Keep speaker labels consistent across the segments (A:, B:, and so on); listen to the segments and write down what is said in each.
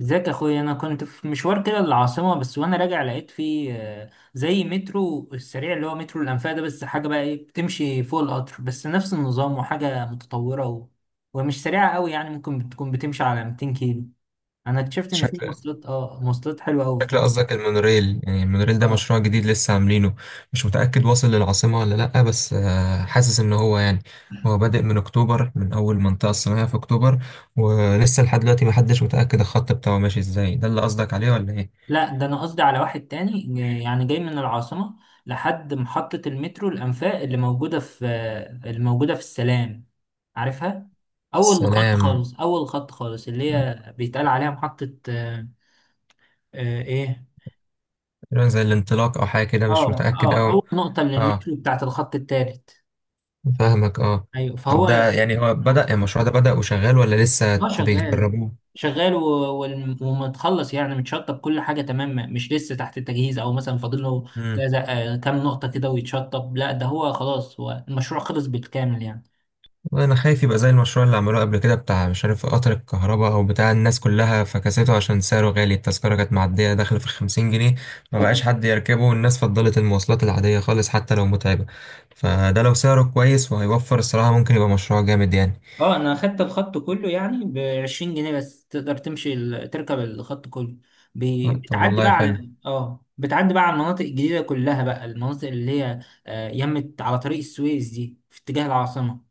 A: ازيك يا اخويا؟ انا كنت في مشوار كده للعاصمه، بس وانا راجع لقيت فيه زي مترو السريع اللي هو مترو الانفاق ده، بس حاجه بقى ايه، بتمشي فوق القطر بس نفس النظام، وحاجه متطوره ومش سريعه قوي، يعني ممكن بتكون بتمشي على 200 كيلو. انا اكتشفت ان في
B: شكل
A: مواصلات مواصلات حلوه قوي في
B: شكل
A: مصر.
B: قصدك المونوريل. يعني المونوريل ده
A: اه.
B: مشروع جديد لسه عاملينه. مش متأكد واصل للعاصمة ولا لأ، بس حاسس إن هو يعني هو بادئ من أكتوبر، من أول منطقة الصناعية في أكتوبر. ولسه لحد دلوقتي محدش متأكد الخط بتاعه ماشي إزاي، ده اللي قصدك عليه ولا إيه؟
A: لا، ده انا قصدي على واحد تاني، يعني جاي من العاصمة لحد محطة المترو الأنفاق اللي موجودة في السلام، عارفها؟
B: السلام.
A: اول خط خالص، اللي هي بيتقال عليها محطة آه، ايه.
B: تقريبا زي الانطلاق أو حاجة كده، مش
A: اه
B: متأكد
A: اه،
B: أوي.
A: اول نقطة من
B: أه،
A: المترو بتاعت الخط التالت.
B: فاهمك أه.
A: ايوه،
B: طب
A: فهو.
B: ده يعني هو بدأ، يعني المشروع ده بدأ وشغال ولا
A: اه،
B: لسه
A: شغال.
B: بيجربوه؟
A: شغال و- ومتخلص، يعني متشطب، كل حاجه تمام، مش لسه تحت التجهيز او مثلا فاضل له كذا كام نقطه كده ويتشطب. لا، ده هو خلاص، هو المشروع خلص بالكامل يعني.
B: والله انا خايف يبقى زي المشروع اللي عملوه قبل كده، بتاع مش عارف قطر الكهرباء او بتاع، الناس كلها فكسته عشان سعره غالي. التذكرة كانت معدية داخل في 50 جنيه، ما بقاش حد يركبه، والناس فضلت المواصلات العادية خالص حتى لو متعبة. فده لو سعره كويس وهيوفر الصراحة، ممكن يبقى مشروع جامد يعني.
A: اه، انا اخدت الخط كله يعني ب 20 جنيه بس، تقدر تمشي تركب الخط كله.
B: طب
A: بتعدي
B: والله
A: بقى
B: حلو.
A: على بتعدي بقى على المناطق الجديده كلها بقى، المناطق اللي هي يمت على طريق السويس دي، في اتجاه العاصمه.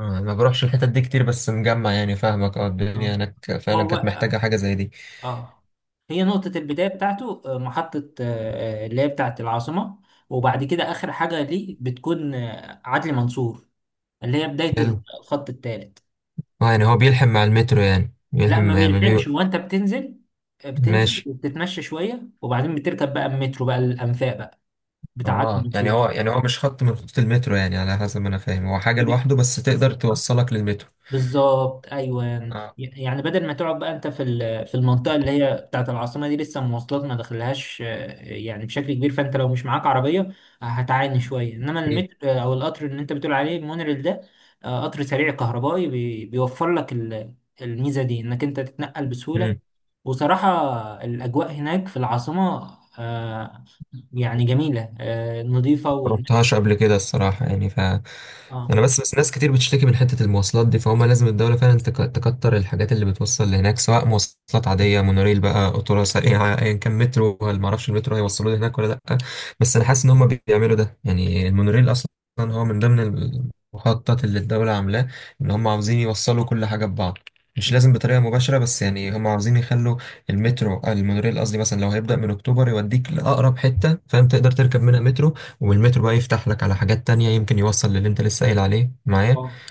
B: ما بروحش الحتت دي كتير، بس مجمع، يعني فاهمك، اه الدنيا
A: اه.
B: هناك فعلا
A: هو،
B: كانت محتاجة حاجة زي دي.
A: اه، هي نقطة البداية بتاعته محطة اللي هي بتاعة العاصمة، وبعد كده آخر حاجة ليه بتكون عدلي منصور، اللي هي بداية
B: حلو.
A: الخط الثالث.
B: اه يعني هو بيلحم مع المترو، يعني
A: لا، ما
B: بيلحم يعني.
A: بيلحمش، هو أنت بتنزل بتنزل
B: ماشي.
A: وبتتمشى شوية، وبعدين بتركب بقى المترو بقى الأنفاق بقى بتاع عدلي
B: اه يعني
A: منصور.
B: هو مش خط من خطوط المترو، يعني على حسب ما انا فاهم هو حاجة لوحده بس تقدر توصلك للمترو.
A: بالظبط، ايوه.
B: اه.
A: يعني بدل ما تقعد بقى انت في في المنطقه اللي هي بتاعت العاصمه دي، لسه المواصلات ما دخلهاش يعني بشكل كبير، فانت لو مش معاك عربيه هتعاني شويه، انما المترو او القطر اللي انت بتقول عليه المونريل ده قطر سريع كهربائي، بيوفر لك الميزه دي، انك انت تتنقل بسهوله.
B: ايه.
A: وصراحه الاجواء هناك في العاصمه آه، يعني جميله نظيفه، والمترو.
B: مروحتهاش قبل كده الصراحة، يعني
A: اه.
B: أنا بس ناس كتير بتشتكي من حتة المواصلات دي، فهم لازم الدولة فعلا تكتر الحاجات اللي بتوصل لهناك، سواء مواصلات عادية، مونوريل بقى، قطورة سريعة أيا كان، مترو، ولا معرفش المترو هيوصلوا لي هناك ولا لأ. بس أنا حاسس إن هم بيعملوا ده، يعني المونوريل أصلا هو من ضمن المخطط اللي الدولة عاملاه، إن هم عاوزين يوصلوا كل حاجة ببعض، مش
A: مم.
B: لازم بطريقة مباشرة بس، يعني هم عاوزين يخلوا المترو، المونوريل قصدي، مثلا لو هيبدأ من أكتوبر يوديك لأقرب حتة فاهم تقدر تركب منها مترو، والمترو بقى يفتح لك على حاجات تانية، يمكن يوصل للي انت لسه قايل عليه معايا.
A: اه،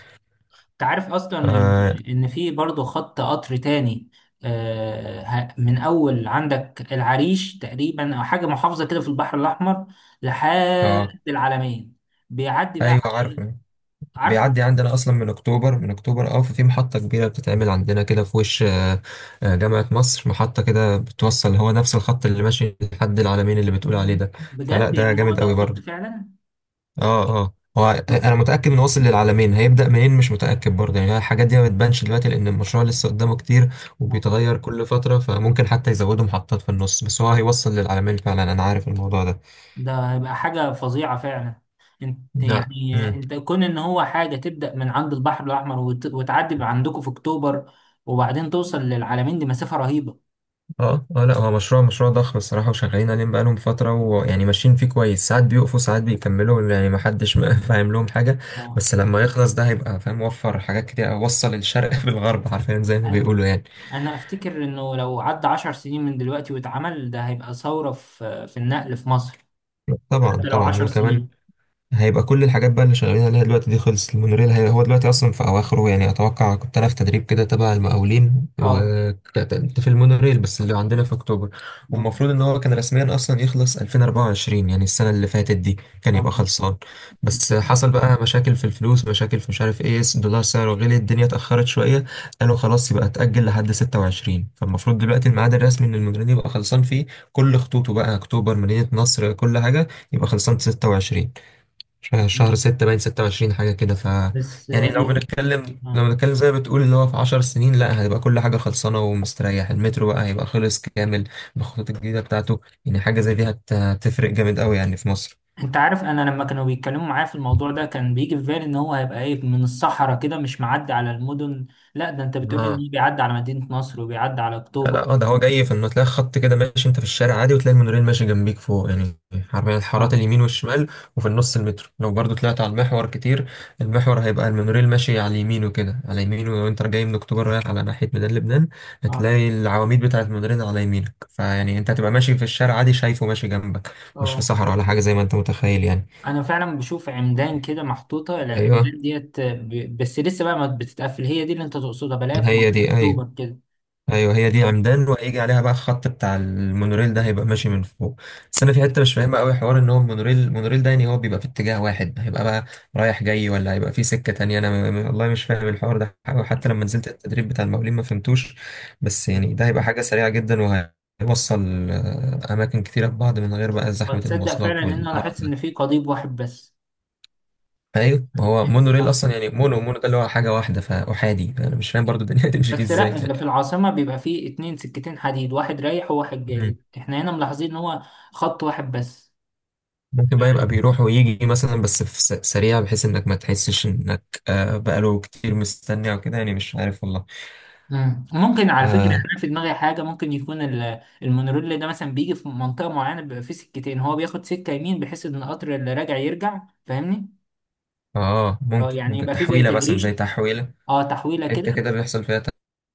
A: انت عارف اصلا ان
B: اه،
A: في برضه خط قطر تاني من اول عندك العريش تقريبا، او حاجه محافظه كده في البحر الاحمر
B: آه.
A: لحد العلمين، بيعدي بقى
B: ايوه
A: على- إيه؟
B: عارفه.
A: عارفه.
B: بيعدي عندنا اصلا من اكتوبر، اه ففي محطة كبيرة بتتعمل عندنا كده في وش آه. آه، جامعة مصر، محطة كده بتوصل، هو نفس الخط اللي ماشي لحد العلمين اللي بتقول عليه ده. فلا
A: بجد،
B: ده
A: يعني هو
B: جامد
A: ده
B: قوي
A: الخط
B: برضه.
A: فعلا؟
B: اه اه، هو انا متاكد انه واصل للعالمين، هيبدا منين مش متاكد برضه. يعني الحاجات دي ما بتبانش دلوقتي لان المشروع لسه قدامه كتير وبيتغير كل فتره، فممكن حتى يزودوا محطات في النص، بس هو هيوصل للعالمين فعلا، انا عارف الموضوع ده.
A: ده هيبقى حاجه فظيعه فعلا. انت
B: لا.
A: يعني
B: امم
A: انت كون ان هو حاجه تبدا من عند البحر الاحمر وتعدي عندكم في اكتوبر وبعدين توصل للعلمين، دي مسافه رهيبه.
B: اه اه، لا هو مشروع، مشروع ضخم الصراحه، وشغالين عليه بقالهم فتره، ويعني ماشيين فيه كويس، ساعات بيقفوا ساعات بيكملوا، يعني ما حدش فاهم لهم حاجه.
A: اه.
B: بس لما يخلص ده هيبقى فاهم، وفر حاجات كتير، وصل الشرق بالغرب حرفيا زي ما
A: ايوه،
B: بيقولوا يعني.
A: انا افتكر انه لو عدى 10 سنين من دلوقتي واتعمل، ده هيبقى ثورة في في النقل في مصر.
B: طبعا
A: حتى لو
B: طبعا،
A: عشر
B: وكمان
A: سنين
B: هيبقى كل الحاجات بقى اللي شغالين عليها دلوقتي دي خلصت، المونوريل هو دلوقتي اصلا في اواخره، يعني اتوقع، كنت انا في تدريب كده تبع المقاولين
A: اه.
B: وكنت في المونوريل بس اللي عندنا في اكتوبر،
A: اه.
B: والمفروض ان هو كان رسميا اصلا يخلص 2024، يعني السنه اللي فاتت دي كان
A: اه،
B: يبقى خلصان. بس حصل بقى مشاكل في الفلوس، مشاكل في مش عارف ايه، الدولار سعره غلي، الدنيا اتاخرت شويه، قالوا خلاص يبقى اتاجل لحد 26، فالمفروض دلوقتي الميعاد الرسمي ان المونوريل يبقى خلصان فيه كل خطوطه بقى، اكتوبر، مدينه نصر، كل حاجه، يبقى خلصان 26، شهر 6، باين 26 حاجة كده ف.
A: بس
B: يعني لو
A: يعني.
B: بنتكلم، لو
A: آه.
B: بنتكلم زي ما بتقول اللي هو في 10 سنين، لا هيبقى كل حاجة خلصانة ومستريح، المترو بقى هيبقى خلص كامل بالخطوط الجديدة بتاعته، يعني حاجة زي دي هتفرق جامد قوي يعني في مصر.
A: انت عارف، انا لما كانوا بيتكلموا معايا في الموضوع ده، كان بيجي في بالي ان هو هيبقى ايه، من الصحراء كده، مش معدي على المدن. لا، ده انت بتقول
B: اه،
A: ان بيعدي على مدينة نصر وبيعدي على
B: لا
A: اكتوبر.
B: لا، اه ده هو جاي في انه تلاقي خط كده ماشي انت في الشارع عادي وتلاقي المونوريل ماشي جنبيك فوق يعني، حرفيا
A: اه.
B: الحارات اليمين والشمال، وفي النص المترو، لو برضو طلعت على المحور كتير المحور هيبقى المونوريل ماشي على يمينه كده، على يمينه لو انت جاي من اكتوبر رايح على ناحية ميدان لبنان
A: اه.
B: هتلاقي العواميد بتاعة المونوريل على يمينك، فيعني انت هتبقى ماشي في الشارع عادي شايفه ماشي جنبك، مش في
A: اه،
B: صحراء ولا حاجة زي ما انت متخيل يعني.
A: انا فعلا بشوف عمدان كده محطوطة،
B: ايوه
A: العمدان ديت بس لسه بقى ما بتتقفل، هي دي اللي انت تقصدها؟ بلاقيها في
B: هي
A: منطقة
B: دي. ايوه
A: اكتوبر كده.
B: ايوه هي دي
A: اه.
B: عمدان، وهيجي عليها بقى الخط بتاع المونوريل، ده هيبقى ماشي من فوق. بس
A: آه.
B: انا في حته مش فاهمها قوي، حوار ان هو المونوريل، المونوريل ده يعني هو بيبقى في اتجاه واحد، هيبقى بقى رايح جاي ولا هيبقى في سكه تانية، انا والله مش فاهم الحوار ده أوي.
A: ممكن.
B: حتى لما نزلت التدريب بتاع المقاولين ما فهمتوش. بس
A: آه.
B: يعني ده هيبقى حاجه سريعه جدا وهيوصل اماكن كتيره ببعض من غير بقى زحمه
A: وتصدق فعلا
B: المواصلات
A: ان انا
B: والقرف
A: لاحظت
B: ده.
A: ان في قضيب واحد بس.
B: ايوه ما
A: يعني
B: هو
A: إيه؟
B: مونوريل
A: اه.
B: اصلا، يعني مونو ده اللي هو حاجه واحده، فاحادي، انا مش فاهم برضو الدنيا هتمشي فيه
A: بس
B: ازاي
A: لا،
B: يعني.
A: اللي في العاصمة بيبقى فيه اتنين سكتين حديد، واحد رايح وواحد جاي، احنا هنا ملاحظين ان هو خط واحد بس.
B: ممكن بقى يبقى بيروح ويجي مثلا، بس في سريع بحيث انك ما تحسش انك بقاله كتير مستني او كده، يعني مش عارف والله.
A: مم. ممكن على فكرة، يعني
B: اه
A: انا في دماغي حاجة، ممكن يكون المونوريل ده مثلا بيجي في منطقة معينة بيبقى فيه سكتين، هو بياخد سكة يمين بحيث ان القطر اللي راجع يرجع، فاهمني؟
B: اه،
A: اه،
B: ممكن،
A: يعني
B: ممكن
A: يبقى فيه زي
B: تحويلة مثلا،
A: تجريش،
B: زي تحويلة،
A: اه، تحويلة كده.
B: حتة كده بيحصل فيها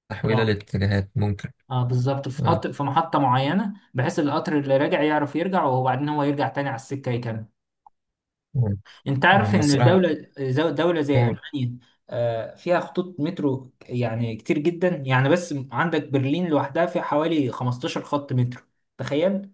B: تحويلة
A: اه.
B: للاتجاهات، ممكن.
A: اه، بالظبط، في
B: اه
A: قطر في محطة معينة، بحيث القطر اللي راجع يعرف يرجع، وبعدين هو يرجع تاني على السكة يكمل.
B: ممكن.
A: انت عارف
B: هم
A: ان
B: الصراحة.
A: الدولة دولة زي
B: قول.
A: ألمانيا فيها خطوط مترو يعني كتير جدا يعني، بس عندك برلين لوحدها فيها حوالي 15 خط مترو. تخيل،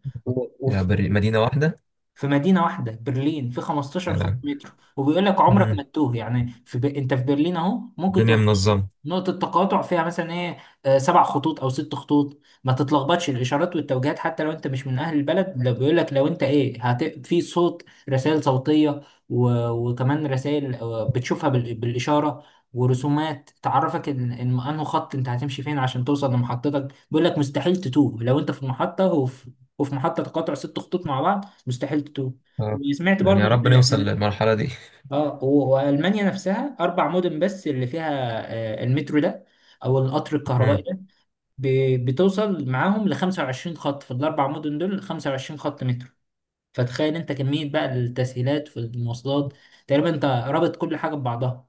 B: يا بري، مدينة واحدة.
A: في مدينة واحدة، برلين، في 15 خط
B: آه.
A: مترو. وبيقول لك عمرك ما
B: مم.
A: تتوه، يعني في انت في برلين اهو، ممكن
B: الدنيا
A: تبقى
B: منظمة.
A: نقطة تقاطع فيها مثلا ايه 7 خطوط او 6 خطوط، ما تتلخبطش، الاشارات والتوجيهات، حتى لو انت مش من اهل البلد، لو بيقول لك لو انت ايه في صوت، رسائل صوتية، وكمان رسائل بتشوفها بالاشارة، ورسومات تعرفك ان ان انه خط انت هتمشي فين عشان توصل لمحطتك. بيقول لك مستحيل تتوه، لو انت في المحطة وفي محطة تقاطع 6 خطوط مع بعض، مستحيل تتوه.
B: اه
A: وسمعت
B: يعني
A: برضو
B: يا رب نوصل
A: ان
B: للمرحلة دي.
A: اه والمانيا نفسها 4 مدن بس اللي فيها المترو ده، او القطر الكهربائي ده، بتوصل معاهم ل 25 خط، في ال4 مدن دول 25 خط مترو. فتخيل انت كمية بقى التسهيلات في المواصلات، تقريبا انت رابط كل حاجة ببعضها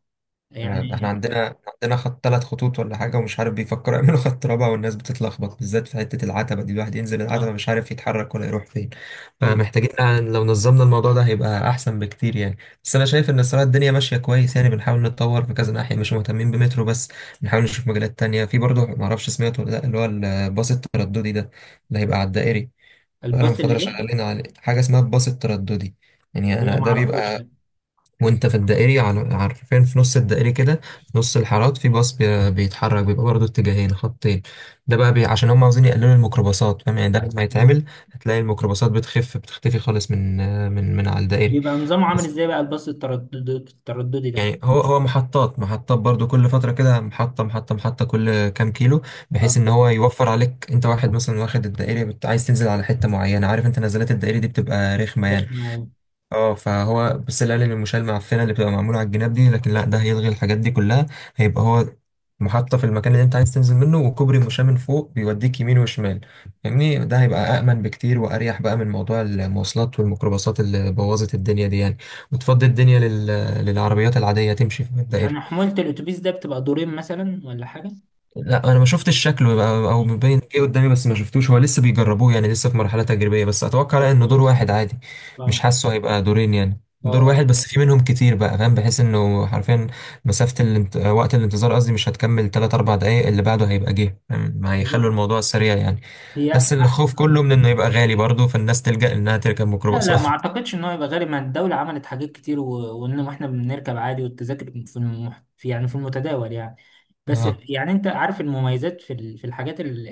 B: يعني ده احنا
A: يعني.
B: عندنا خط، 3 خطوط ولا حاجة، ومش عارف بيفكروا يعملوا خط رابع، والناس بتتلخبط بالذات في حتة العتبة دي، الواحد ينزل العتبة
A: اه.
B: مش عارف يتحرك ولا يروح فين،
A: أيوة.
B: فمحتاجين يعني لو نظمنا الموضوع ده هيبقى أحسن بكتير يعني. بس أنا شايف إن الصراحة الدنيا ماشية كويس يعني، بنحاول نتطور في كذا ناحية، مش مهتمين بمترو بس، بنحاول نشوف مجالات تانية في برضه، معرفش سمعته ولا لأ اللي هو الباص الترددي ده اللي هيبقى على الدائري. بقالهم
A: الباص
B: فترة
A: الايه؟
B: شغالين عليه حاجة اسمها الباص الترددي، يعني
A: لا،
B: أنا ده
A: معرفوش،
B: بيبقى،
A: لا.
B: وانت في الدائري على عارفين في نص الدائري كده، في نص الحارات في باص بيتحرك، بيبقى برضه اتجاهين خطين، ده بقى عشان هم عاوزين يقللوا الميكروباصات فاهم يعني، ده لما
A: اه،
B: يتعمل هتلاقي الميكروباصات بتخف، بتختفي خالص من على الدائري.
A: بيبقى نظامه عامل
B: بس
A: ازاي بقى، الباص الترددي ده؟
B: يعني هو هو محطات محطات برضو، كل فترة كده محطة محطة محطة، كل كام كيلو،
A: اه،
B: بحيث ان هو يوفر عليك انت، واحد مثلا واخد الدائري عايز تنزل على حتة معينة، عارف انت نزلات الدائري دي بتبقى رخمة يعني.
A: رخم أوي.
B: اه، فهو بس القالب المشال المعفنه اللي بتبقى معموله على الجناب دي، لكن لا ده هيلغي الحاجات دي كلها، هيبقى هو محطة في المكان اللي انت عايز تنزل منه، وكوبري مشاة من فوق بيوديك يمين وشمال، فاهمني، ده هيبقى أأمن بكتير وأريح بقى من موضوع المواصلات والميكروباصات اللي بوظت الدنيا دي يعني، وتفضي الدنيا للعربيات العادية تمشي في الدائرة.
A: يعني حمولة الأتوبيس ده بتبقى دورين مثلا ولا حاجة؟
B: لا انا ما شفتش شكله، يبقى- او
A: مم.
B: مبين ايه قدامي، بس ما شفتوش، هو لسه بيجربوه يعني لسه في مرحله تجريبيه، بس
A: طب
B: اتوقع انه دور
A: كويس.
B: واحد عادي، مش
A: اه.
B: حاسه هيبقى دورين، يعني
A: اه.
B: دور
A: آه.
B: واحد بس في منهم كتير بقى فاهم، بحيث انه حرفيا وقت الانتظار قصدي مش هتكمل 3 4 دقائق، اللي بعده هيبقى جه فاهم؟ ما هيخلوا
A: بالظبط.
B: الموضوع سريع يعني.
A: هي
B: بس الخوف كله
A: أحسن.
B: من انه يبقى غالي برضه، فالناس تلجأ انها تركب
A: لا لا،
B: ميكروباصات.
A: ما اعتقدش ان هو يبقى غالي، ما الدولة عملت حاجات كتير وان احنا بنركب عادي، والتذاكر في, في يعني في المتداول يعني. بس
B: اه
A: يعني انت عارف المميزات في في الحاجات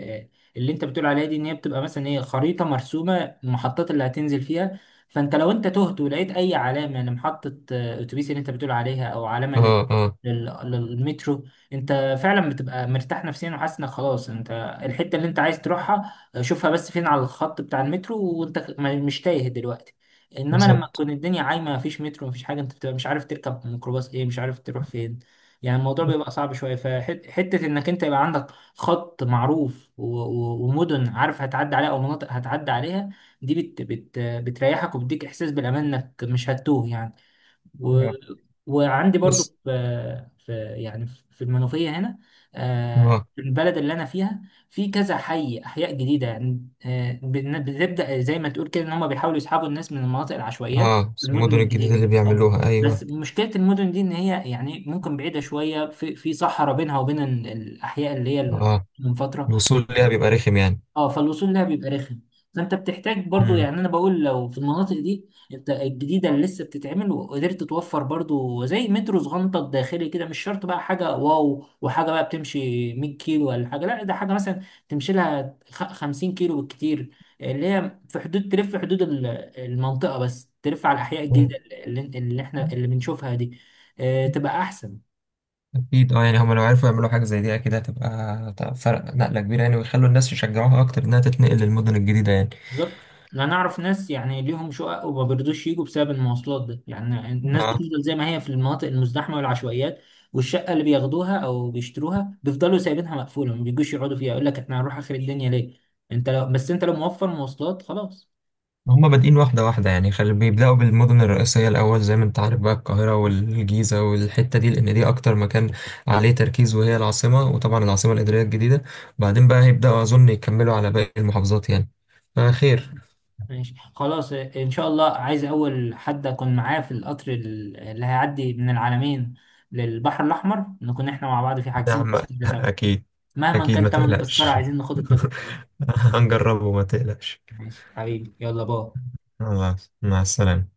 A: اللي انت بتقول عليها دي، ان هي بتبقى مثلا ايه، خريطة مرسومة، المحطات اللي هتنزل فيها، فانت لو انت تهت ولقيت اي علامة لمحطة اتوبيس اللي انت بتقول عليها، او علامة
B: اه اه
A: لل... للمترو، انت فعلا بتبقى مرتاح نفسيا، وحاسس انك خلاص انت الحتة اللي انت عايز تروحها، شوفها بس فين على الخط بتاع المترو، وانت مش تايه دلوقتي. انما لما
B: بالظبط.
A: تكون الدنيا عايمه، مفيش مترو مفيش حاجه، انت بتبقى مش عارف تركب ميكروباص ايه، مش عارف تروح فين، يعني الموضوع بيبقى صعب شويه. فحته انك انت يبقى عندك خط معروف ومدن عارف هتعدي عليها او مناطق هتعدي عليها، دي بت بت بتريحك وبتديك احساس بالامان انك مش هتتوه يعني. و...
B: آه،
A: وعندي برضو
B: بص.
A: في يعني في المنوفية هنا
B: اه
A: في البلد اللي أنا فيها في كذا حي، أحياء جديدة يعني بنبدأ زي ما تقول كده، إن هم بيحاولوا يسحبوا الناس من المناطق العشوائيات
B: اه
A: للمدن
B: المدن الجديده
A: الجديدة.
B: اللي
A: اه.
B: بيعملوها
A: بس
B: ايوه.
A: مشكلة المدن دي، إن هي يعني ممكن بعيدة شوية، في في صحراء بينها وبين الأحياء اللي هي
B: اه
A: المنفترة.
B: الوصول ليها بيبقى رخم يعني.
A: اه، فالوصول لها بيبقى رخم، فانت بتحتاج برضو،
B: امم
A: يعني انا بقول لو في المناطق دي انت الجديده اللي لسه بتتعمل، وقدرت توفر برضو زي مترو صغنطه داخلي كده، مش شرط بقى حاجه واو وحاجه بقى بتمشي 100 كيلو ولا حاجه، لا ده حاجه مثلا تمشي لها 50 كيلو بالكتير، اللي هي في حدود تلف، في حدود المنطقه بس، تلف على الاحياء الجديده اللي بنشوفها دي تبقى احسن.
B: اكيد، اه يعني هما لو عرفوا يعملوا حاجه زي دي اكيد هتبقى، هتبقى فرق نقله كبيره يعني، ويخلوا الناس يشجعوها اكتر انها تتنقل للمدن الجديده يعني.
A: بالظبط، يعني انا اعرف ناس يعني ليهم شقق وما بيرضوش يجوا بسبب المواصلات ده، يعني الناس
B: اه
A: بتفضل زي ما هي في المناطق المزدحمه والعشوائيات، والشقه اللي بياخدوها او بيشتروها بيفضلوا سايبينها مقفوله، ما بيجوش يقعدوا فيها، يقول لك احنا هنروح اخر الدنيا ليه؟ انت لو بس، انت لو موفر مواصلات خلاص.
B: هما بادئين واحده واحده، يعني بيبداوا بالمدن الرئيسيه الاول زي ما انت عارف بقى، القاهره والجيزه والحته دي، لان دي اكتر مكان عليه تركيز وهي العاصمه، وطبعا العاصمه الاداريه الجديده، بعدين بقى هيبداوا اظن يكملوا على باقي المحافظات يعني. فخير.
A: ماشي، خلاص، ان شاء الله. عايز اول حد اكون معاه في القطر اللي هيعدي من العلمين للبحر الاحمر، نكون احنا مع بعض، في
B: يا
A: حاجزين
B: عم
A: تذكره سوا،
B: أكيد.
A: مهما
B: أكيد ما
A: كان تمن تذكره،
B: تقلقش.
A: عايزين ناخد التجربه.
B: هنجربه ما تقلقش.
A: ماشي حبيبي، يلا باي.
B: خلاص مع السلامة.